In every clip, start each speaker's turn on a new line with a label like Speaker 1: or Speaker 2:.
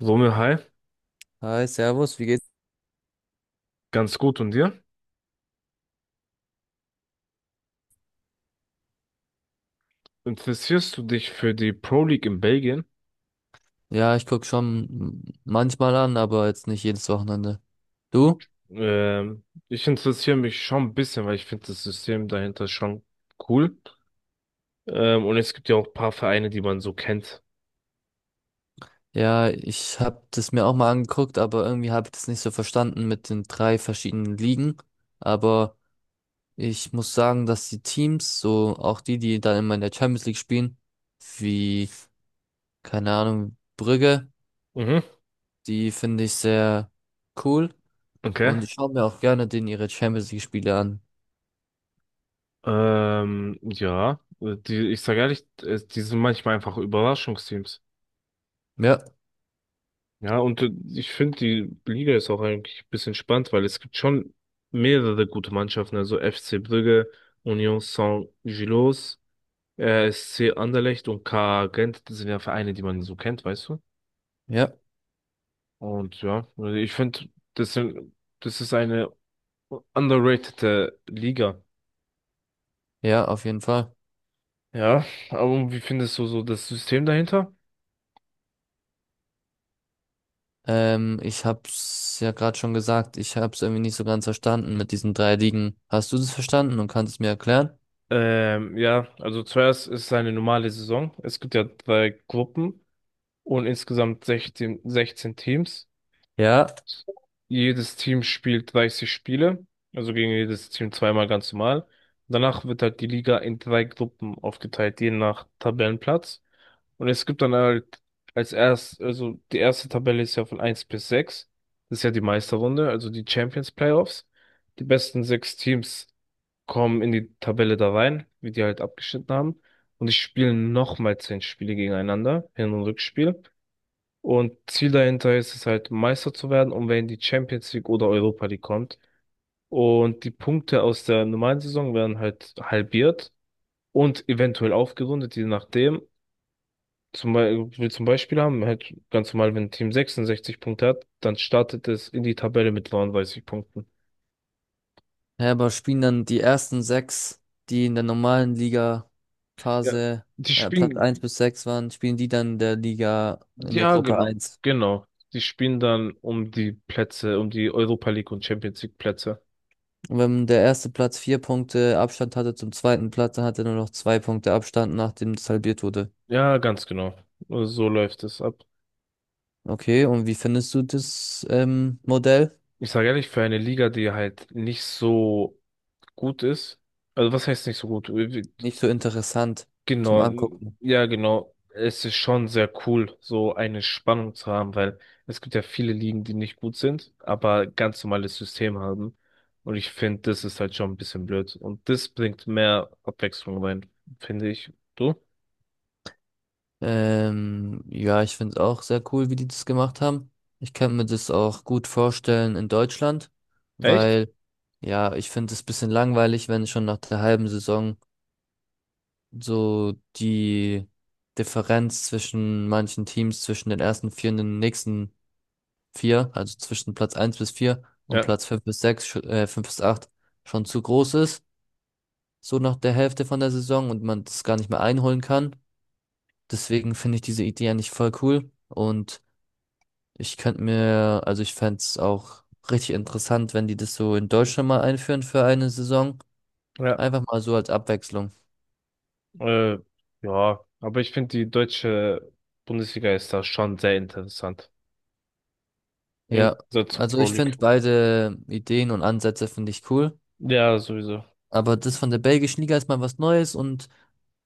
Speaker 1: Romeo, hi,
Speaker 2: Hi, Servus, wie geht's?
Speaker 1: ganz gut und dir? Interessierst du dich für die Pro League in Belgien?
Speaker 2: Ja, ich guck schon manchmal an, aber jetzt nicht jedes Wochenende. Du?
Speaker 1: Ich interessiere mich schon ein bisschen, weil ich finde das System dahinter schon cool. Und es gibt ja auch ein paar Vereine, die man so kennt.
Speaker 2: Ja, ich hab das mir auch mal angeguckt, aber irgendwie hab ich das nicht so verstanden mit den drei verschiedenen Ligen. Aber ich muss sagen, dass die Teams, so auch die, die dann immer in der Champions League spielen, wie, keine Ahnung, Brügge,
Speaker 1: Mhm,
Speaker 2: die finde ich sehr cool.
Speaker 1: okay.
Speaker 2: Und ich schaue mir auch gerne denen ihre Champions League-Spiele an.
Speaker 1: Ja, ich sage ehrlich, die sind manchmal einfach Überraschungsteams.
Speaker 2: Ja,
Speaker 1: Ja, und ich finde, die Liga ist auch eigentlich ein bisschen spannend, weil es gibt schon mehrere gute Mannschaften, also FC Brügge, Union Saint-Gilloise. SC Anderlecht und KA Gent, das sind ja Vereine, die man so kennt, weißt du?
Speaker 2: ja,
Speaker 1: Und ja, also ich finde, das sind, das ist eine underratede Liga.
Speaker 2: ja, auf jeden Fall.
Speaker 1: Ja, aber wie findest du so das System dahinter?
Speaker 2: Ich hab's ja gerade schon gesagt, ich hab's irgendwie nicht so ganz verstanden mit diesen drei Ligen. Hast du das verstanden und kannst es mir erklären?
Speaker 1: Ja, also zuerst ist es eine normale Saison. Es gibt ja drei Gruppen und insgesamt 16 Teams.
Speaker 2: Ja,
Speaker 1: Jedes Team spielt 30 Spiele, also gegen jedes Team zweimal ganz normal. Danach wird halt die Liga in drei Gruppen aufgeteilt, je nach Tabellenplatz. Und es gibt dann halt also die erste Tabelle ist ja von eins bis sechs. Das ist ja die Meisterrunde, also die Champions Playoffs. Die besten sechs Teams kommen in die Tabelle da rein, wie die halt abgeschnitten haben. Und die spielen nochmal 10 Spiele gegeneinander, Hin- und Rückspiel. Und Ziel dahinter ist es halt, Meister zu werden, um wenn die Champions League oder Europa League kommt. Und die Punkte aus der normalen Saison werden halt halbiert und eventuell aufgerundet, je nachdem. Wir zum Beispiel haben halt ganz normal, wenn ein Team 66 Punkte hat, dann startet es in die Tabelle mit 39 Punkten.
Speaker 2: ja, aber spielen dann die ersten sechs, die in der normalen
Speaker 1: Ja.
Speaker 2: Liga-Phase
Speaker 1: Die
Speaker 2: Platz
Speaker 1: spielen,
Speaker 2: eins bis 6 waren, spielen die dann in der Liga in der
Speaker 1: ja,
Speaker 2: Gruppe
Speaker 1: genau,
Speaker 2: eins?
Speaker 1: genau. Die spielen dann um die Plätze, um die Europa League und Champions League Plätze.
Speaker 2: Und wenn der erste Platz vier Punkte Abstand hatte zum zweiten Platz, dann hat er nur noch zwei Punkte Abstand, nachdem es halbiert wurde.
Speaker 1: Ja, ganz genau. So läuft es ab.
Speaker 2: Okay, und wie findest du das Modell?
Speaker 1: Ich sage ehrlich, für eine Liga, die halt nicht so gut ist, also was heißt nicht so gut?
Speaker 2: Nicht so interessant zum
Speaker 1: Genau,
Speaker 2: Angucken.
Speaker 1: ja, genau. Es ist schon sehr cool, so eine Spannung zu haben, weil es gibt ja viele Ligen, die nicht gut sind, aber ganz normales System haben. Und ich finde, das ist halt schon ein bisschen blöd. Und das bringt mehr Abwechslung rein, finde ich. Du?
Speaker 2: Ja, ich finde es auch sehr cool, wie die das gemacht haben. Ich kann mir das auch gut vorstellen in Deutschland,
Speaker 1: Echt?
Speaker 2: weil ja, ich finde es ein bisschen langweilig, wenn schon nach der halben Saison so die Differenz zwischen manchen Teams, zwischen den ersten vier und den nächsten vier, also zwischen Platz eins bis vier und
Speaker 1: Ja,
Speaker 2: Platz fünf bis sechs, fünf bis acht schon zu groß ist, so nach der Hälfte von der Saison und man das gar nicht mehr einholen kann. Deswegen finde ich diese Idee eigentlich voll cool und ich könnte mir, also ich fänd's es auch richtig interessant, wenn die das so in Deutschland mal einführen für eine Saison.
Speaker 1: ja,
Speaker 2: Einfach mal so als Abwechslung.
Speaker 1: äh, ja. Aber ich finde, die deutsche Bundesliga ist da schon sehr interessant. Im
Speaker 2: Ja,
Speaker 1: Gegensatz zur
Speaker 2: also
Speaker 1: Pro
Speaker 2: ich
Speaker 1: League.
Speaker 2: finde beide Ideen und Ansätze finde ich cool.
Speaker 1: Ja, sowieso.
Speaker 2: Aber das von der belgischen Liga ist mal was Neues und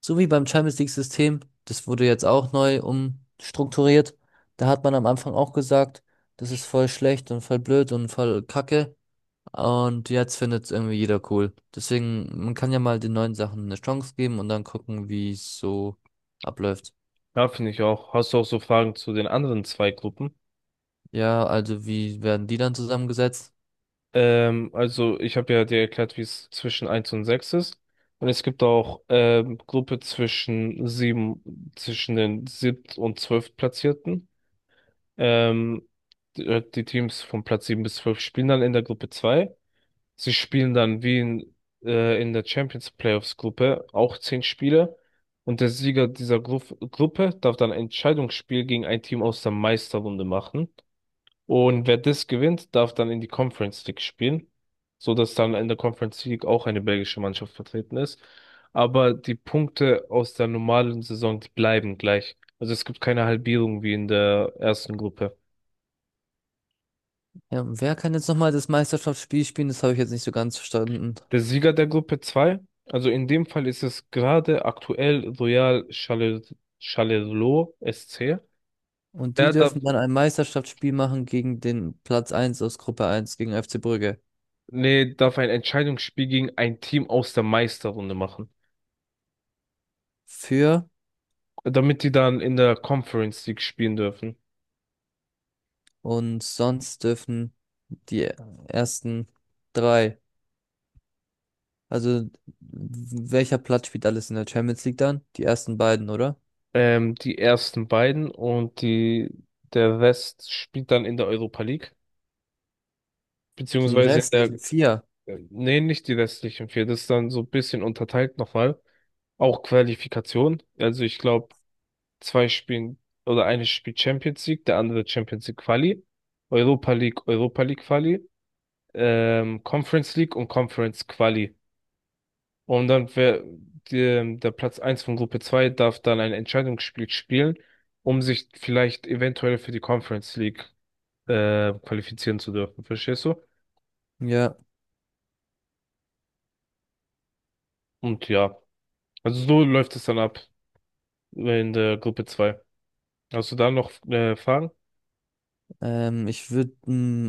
Speaker 2: so wie beim Champions League-System, das wurde jetzt auch neu umstrukturiert. Da hat man am Anfang auch gesagt, das ist voll schlecht und voll blöd und voll kacke. Und jetzt findet es irgendwie jeder cool. Deswegen, man kann ja mal den neuen Sachen eine Chance geben und dann gucken, wie es so abläuft.
Speaker 1: Ja, finde ich auch. Hast du auch so Fragen zu den anderen zwei Gruppen?
Speaker 2: Ja, also wie werden die dann zusammengesetzt?
Speaker 1: Also ich habe ja dir erklärt, wie es zwischen eins und 6 ist. Und es gibt auch Gruppe zwischen den siebt und zwölftplatzierten. Ähm, die Teams von Platz 7 bis 12 spielen dann in der Gruppe 2. Sie spielen dann wie in der Champions Playoffs Gruppe auch 10 Spiele. Und der Sieger dieser Gruppe darf dann ein Entscheidungsspiel gegen ein Team aus der Meisterrunde machen. Und wer das gewinnt, darf dann in die Conference League spielen, so dass dann in der Conference League auch eine belgische Mannschaft vertreten ist. Aber die Punkte aus der normalen Saison, die bleiben gleich. Also es gibt keine Halbierung wie in der ersten Gruppe.
Speaker 2: Ja, und wer kann jetzt nochmal das Meisterschaftsspiel spielen? Das habe ich jetzt nicht so ganz verstanden.
Speaker 1: Der Sieger der Gruppe 2, also in dem Fall ist es gerade aktuell Royal Charleroi SC.
Speaker 2: Und die
Speaker 1: Der darf,
Speaker 2: dürfen dann ein Meisterschaftsspiel machen gegen den Platz eins aus Gruppe eins gegen FC Brügge.
Speaker 1: nee, darf ein Entscheidungsspiel gegen ein Team aus der Meisterrunde machen,
Speaker 2: Für
Speaker 1: damit die dann in der Conference League spielen dürfen.
Speaker 2: Und sonst dürfen die ersten drei. Also welcher Platz spielt alles in der Champions League dann? Die ersten beiden, oder?
Speaker 1: Die ersten beiden und der Rest spielt dann in der Europa League,
Speaker 2: Die
Speaker 1: beziehungsweise in
Speaker 2: restlichen vier.
Speaker 1: nee, nicht die restlichen vier, das ist dann so ein bisschen unterteilt nochmal. Auch Qualifikation, also ich glaube, Zwei spielen oder eine spielt Champions League, der andere Champions League Quali, Europa League, Europa League Quali, Conference League und Conference Quali. Und dann der Platz eins von Gruppe 2 darf dann ein Entscheidungsspiel spielen, um sich vielleicht eventuell für die Conference League qualifizieren zu dürfen. Verstehst du?
Speaker 2: Ja,
Speaker 1: Und ja, also so läuft es dann ab in der Gruppe zwei. Hast du da noch Fragen?
Speaker 2: ich würde,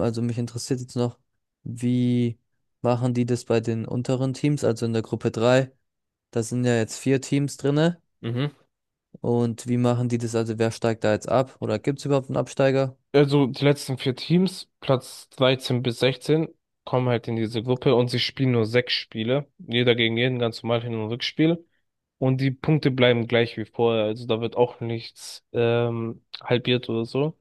Speaker 2: also mich interessiert jetzt noch, wie machen die das bei den unteren Teams, also in der Gruppe drei. Da sind ja jetzt vier Teams drinne.
Speaker 1: Mhm.
Speaker 2: Und wie machen die das? Also wer steigt da jetzt ab? Oder gibt es überhaupt einen Absteiger?
Speaker 1: Also die letzten vier Teams, Platz 13 bis 16, kommen halt in diese Gruppe und sie spielen nur sechs Spiele. Jeder gegen jeden, ganz normal Hin- und Rückspiel. Und die Punkte bleiben gleich wie vorher. Also da wird auch nichts halbiert oder so.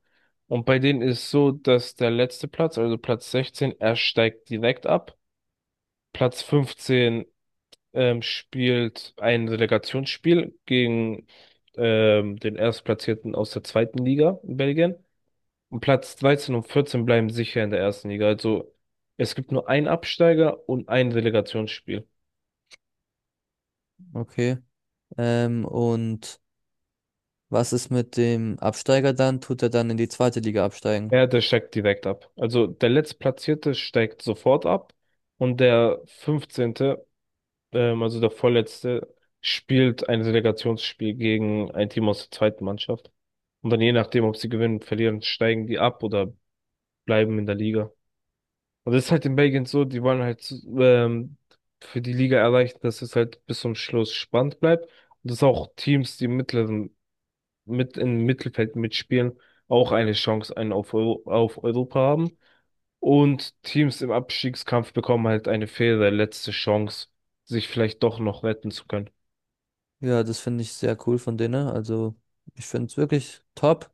Speaker 1: Und bei denen ist so, dass der letzte Platz, also Platz 16, er steigt direkt ab. Platz 15 spielt ein Relegationsspiel gegen den Erstplatzierten aus der zweiten Liga in Belgien. Und Platz 13 und 14 bleiben sicher in der ersten Liga. Also es gibt nur einen Absteiger und ein Relegationsspiel.
Speaker 2: Okay. Und was ist mit dem Absteiger dann? Tut er dann in die zweite Liga absteigen?
Speaker 1: Ja, der steigt direkt ab. Also der Letztplatzierte steigt sofort ab und der 15. Also der Vorletzte, spielt ein Relegationsspiel gegen ein Team aus der zweiten Mannschaft. Und dann je nachdem, ob sie gewinnen, verlieren, steigen die ab oder bleiben in der Liga. Und das ist halt in Belgien so, die wollen halt ähm, für die Liga erreichen, dass es halt bis zum Schluss spannend bleibt und dass auch Teams, die mittleren, mit im Mittelfeld mitspielen, auch eine Chance auf Europa haben. Und Teams im Abstiegskampf bekommen halt eine faire letzte Chance, sich vielleicht doch noch retten zu können.
Speaker 2: Ja, das finde ich sehr cool von denen. Also ich finde es wirklich top.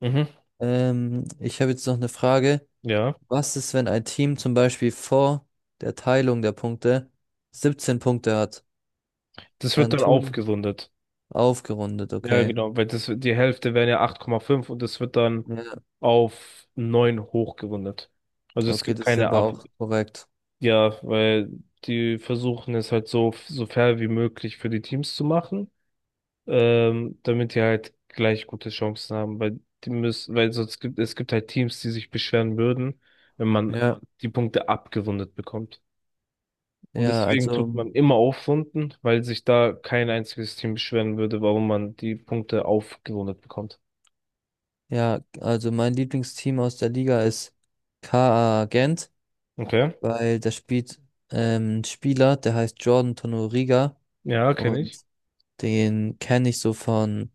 Speaker 1: Mhm.
Speaker 2: Ich habe jetzt noch eine Frage.
Speaker 1: Ja.
Speaker 2: Was ist, wenn ein Team zum Beispiel vor der Teilung der Punkte 17 Punkte hat?
Speaker 1: Das wird
Speaker 2: Dann
Speaker 1: dann
Speaker 2: tun
Speaker 1: aufgerundet.
Speaker 2: aufgerundet,
Speaker 1: Ja,
Speaker 2: okay.
Speaker 1: genau, die Hälfte wären ja 8,5 und das wird dann
Speaker 2: Ja,
Speaker 1: auf 9 hochgerundet. Also es
Speaker 2: okay,
Speaker 1: gibt
Speaker 2: das ist
Speaker 1: keine
Speaker 2: aber
Speaker 1: Ab
Speaker 2: auch korrekt.
Speaker 1: Ja, weil die versuchen es halt so, so fair wie möglich für die Teams zu machen, damit die halt gleich gute Chancen haben, weil sonst gibt es gibt halt Teams, die sich beschweren würden, wenn man
Speaker 2: Ja,
Speaker 1: die Punkte abgerundet bekommt. Und
Speaker 2: ja,
Speaker 1: deswegen tut
Speaker 2: also,
Speaker 1: man immer aufrunden, weil sich da kein einziges Team beschweren würde, warum man die Punkte aufgerundet bekommt.
Speaker 2: ja, also mein Lieblingsteam aus der Liga ist KA Gent,
Speaker 1: Okay.
Speaker 2: weil da spielt ein Spieler, der heißt Jordan Tonoriga
Speaker 1: Ja, kenne
Speaker 2: und
Speaker 1: ich.
Speaker 2: den kenne ich so von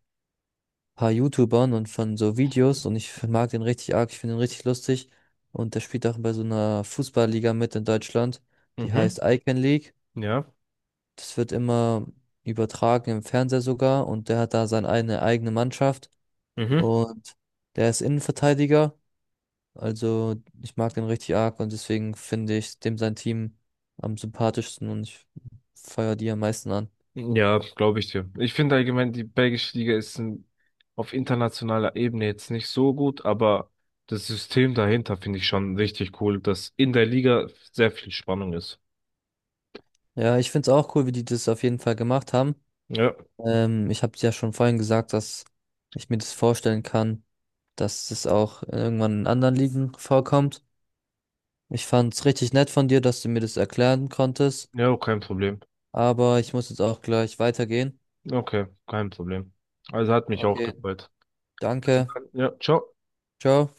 Speaker 2: paar YouTubern und von so Videos und ich mag den richtig arg, ich finde ihn richtig lustig. Und der spielt auch bei so einer Fußballliga mit in Deutschland, die heißt
Speaker 1: Mhm.
Speaker 2: Icon League.
Speaker 1: Ja.
Speaker 2: Das wird immer übertragen im Fernseher sogar und der hat da seine eine eigene Mannschaft
Speaker 1: Mhm.
Speaker 2: und der ist Innenverteidiger. Also ich mag den richtig arg und deswegen finde ich dem sein Team am sympathischsten und ich feiere die am meisten an.
Speaker 1: Ja, glaube ich dir. Ich finde allgemein, die belgische Liga ist ein, auf internationaler Ebene jetzt nicht so gut, aber das System dahinter finde ich schon richtig cool, dass in der Liga sehr viel Spannung ist.
Speaker 2: Ja, ich finde es auch cool, wie die das auf jeden Fall gemacht haben.
Speaker 1: Ja,
Speaker 2: Ich habe ja schon vorhin gesagt, dass ich mir das vorstellen kann, dass das auch irgendwann in anderen Ligen vorkommt. Ich fand es richtig nett von dir, dass du mir das erklären konntest,
Speaker 1: ja, kein Problem.
Speaker 2: aber ich muss jetzt auch gleich weitergehen.
Speaker 1: Okay, kein Problem. Also hat mich auch
Speaker 2: Okay,
Speaker 1: gefreut. Also
Speaker 2: danke.
Speaker 1: dann, ja, ciao.
Speaker 2: Ciao.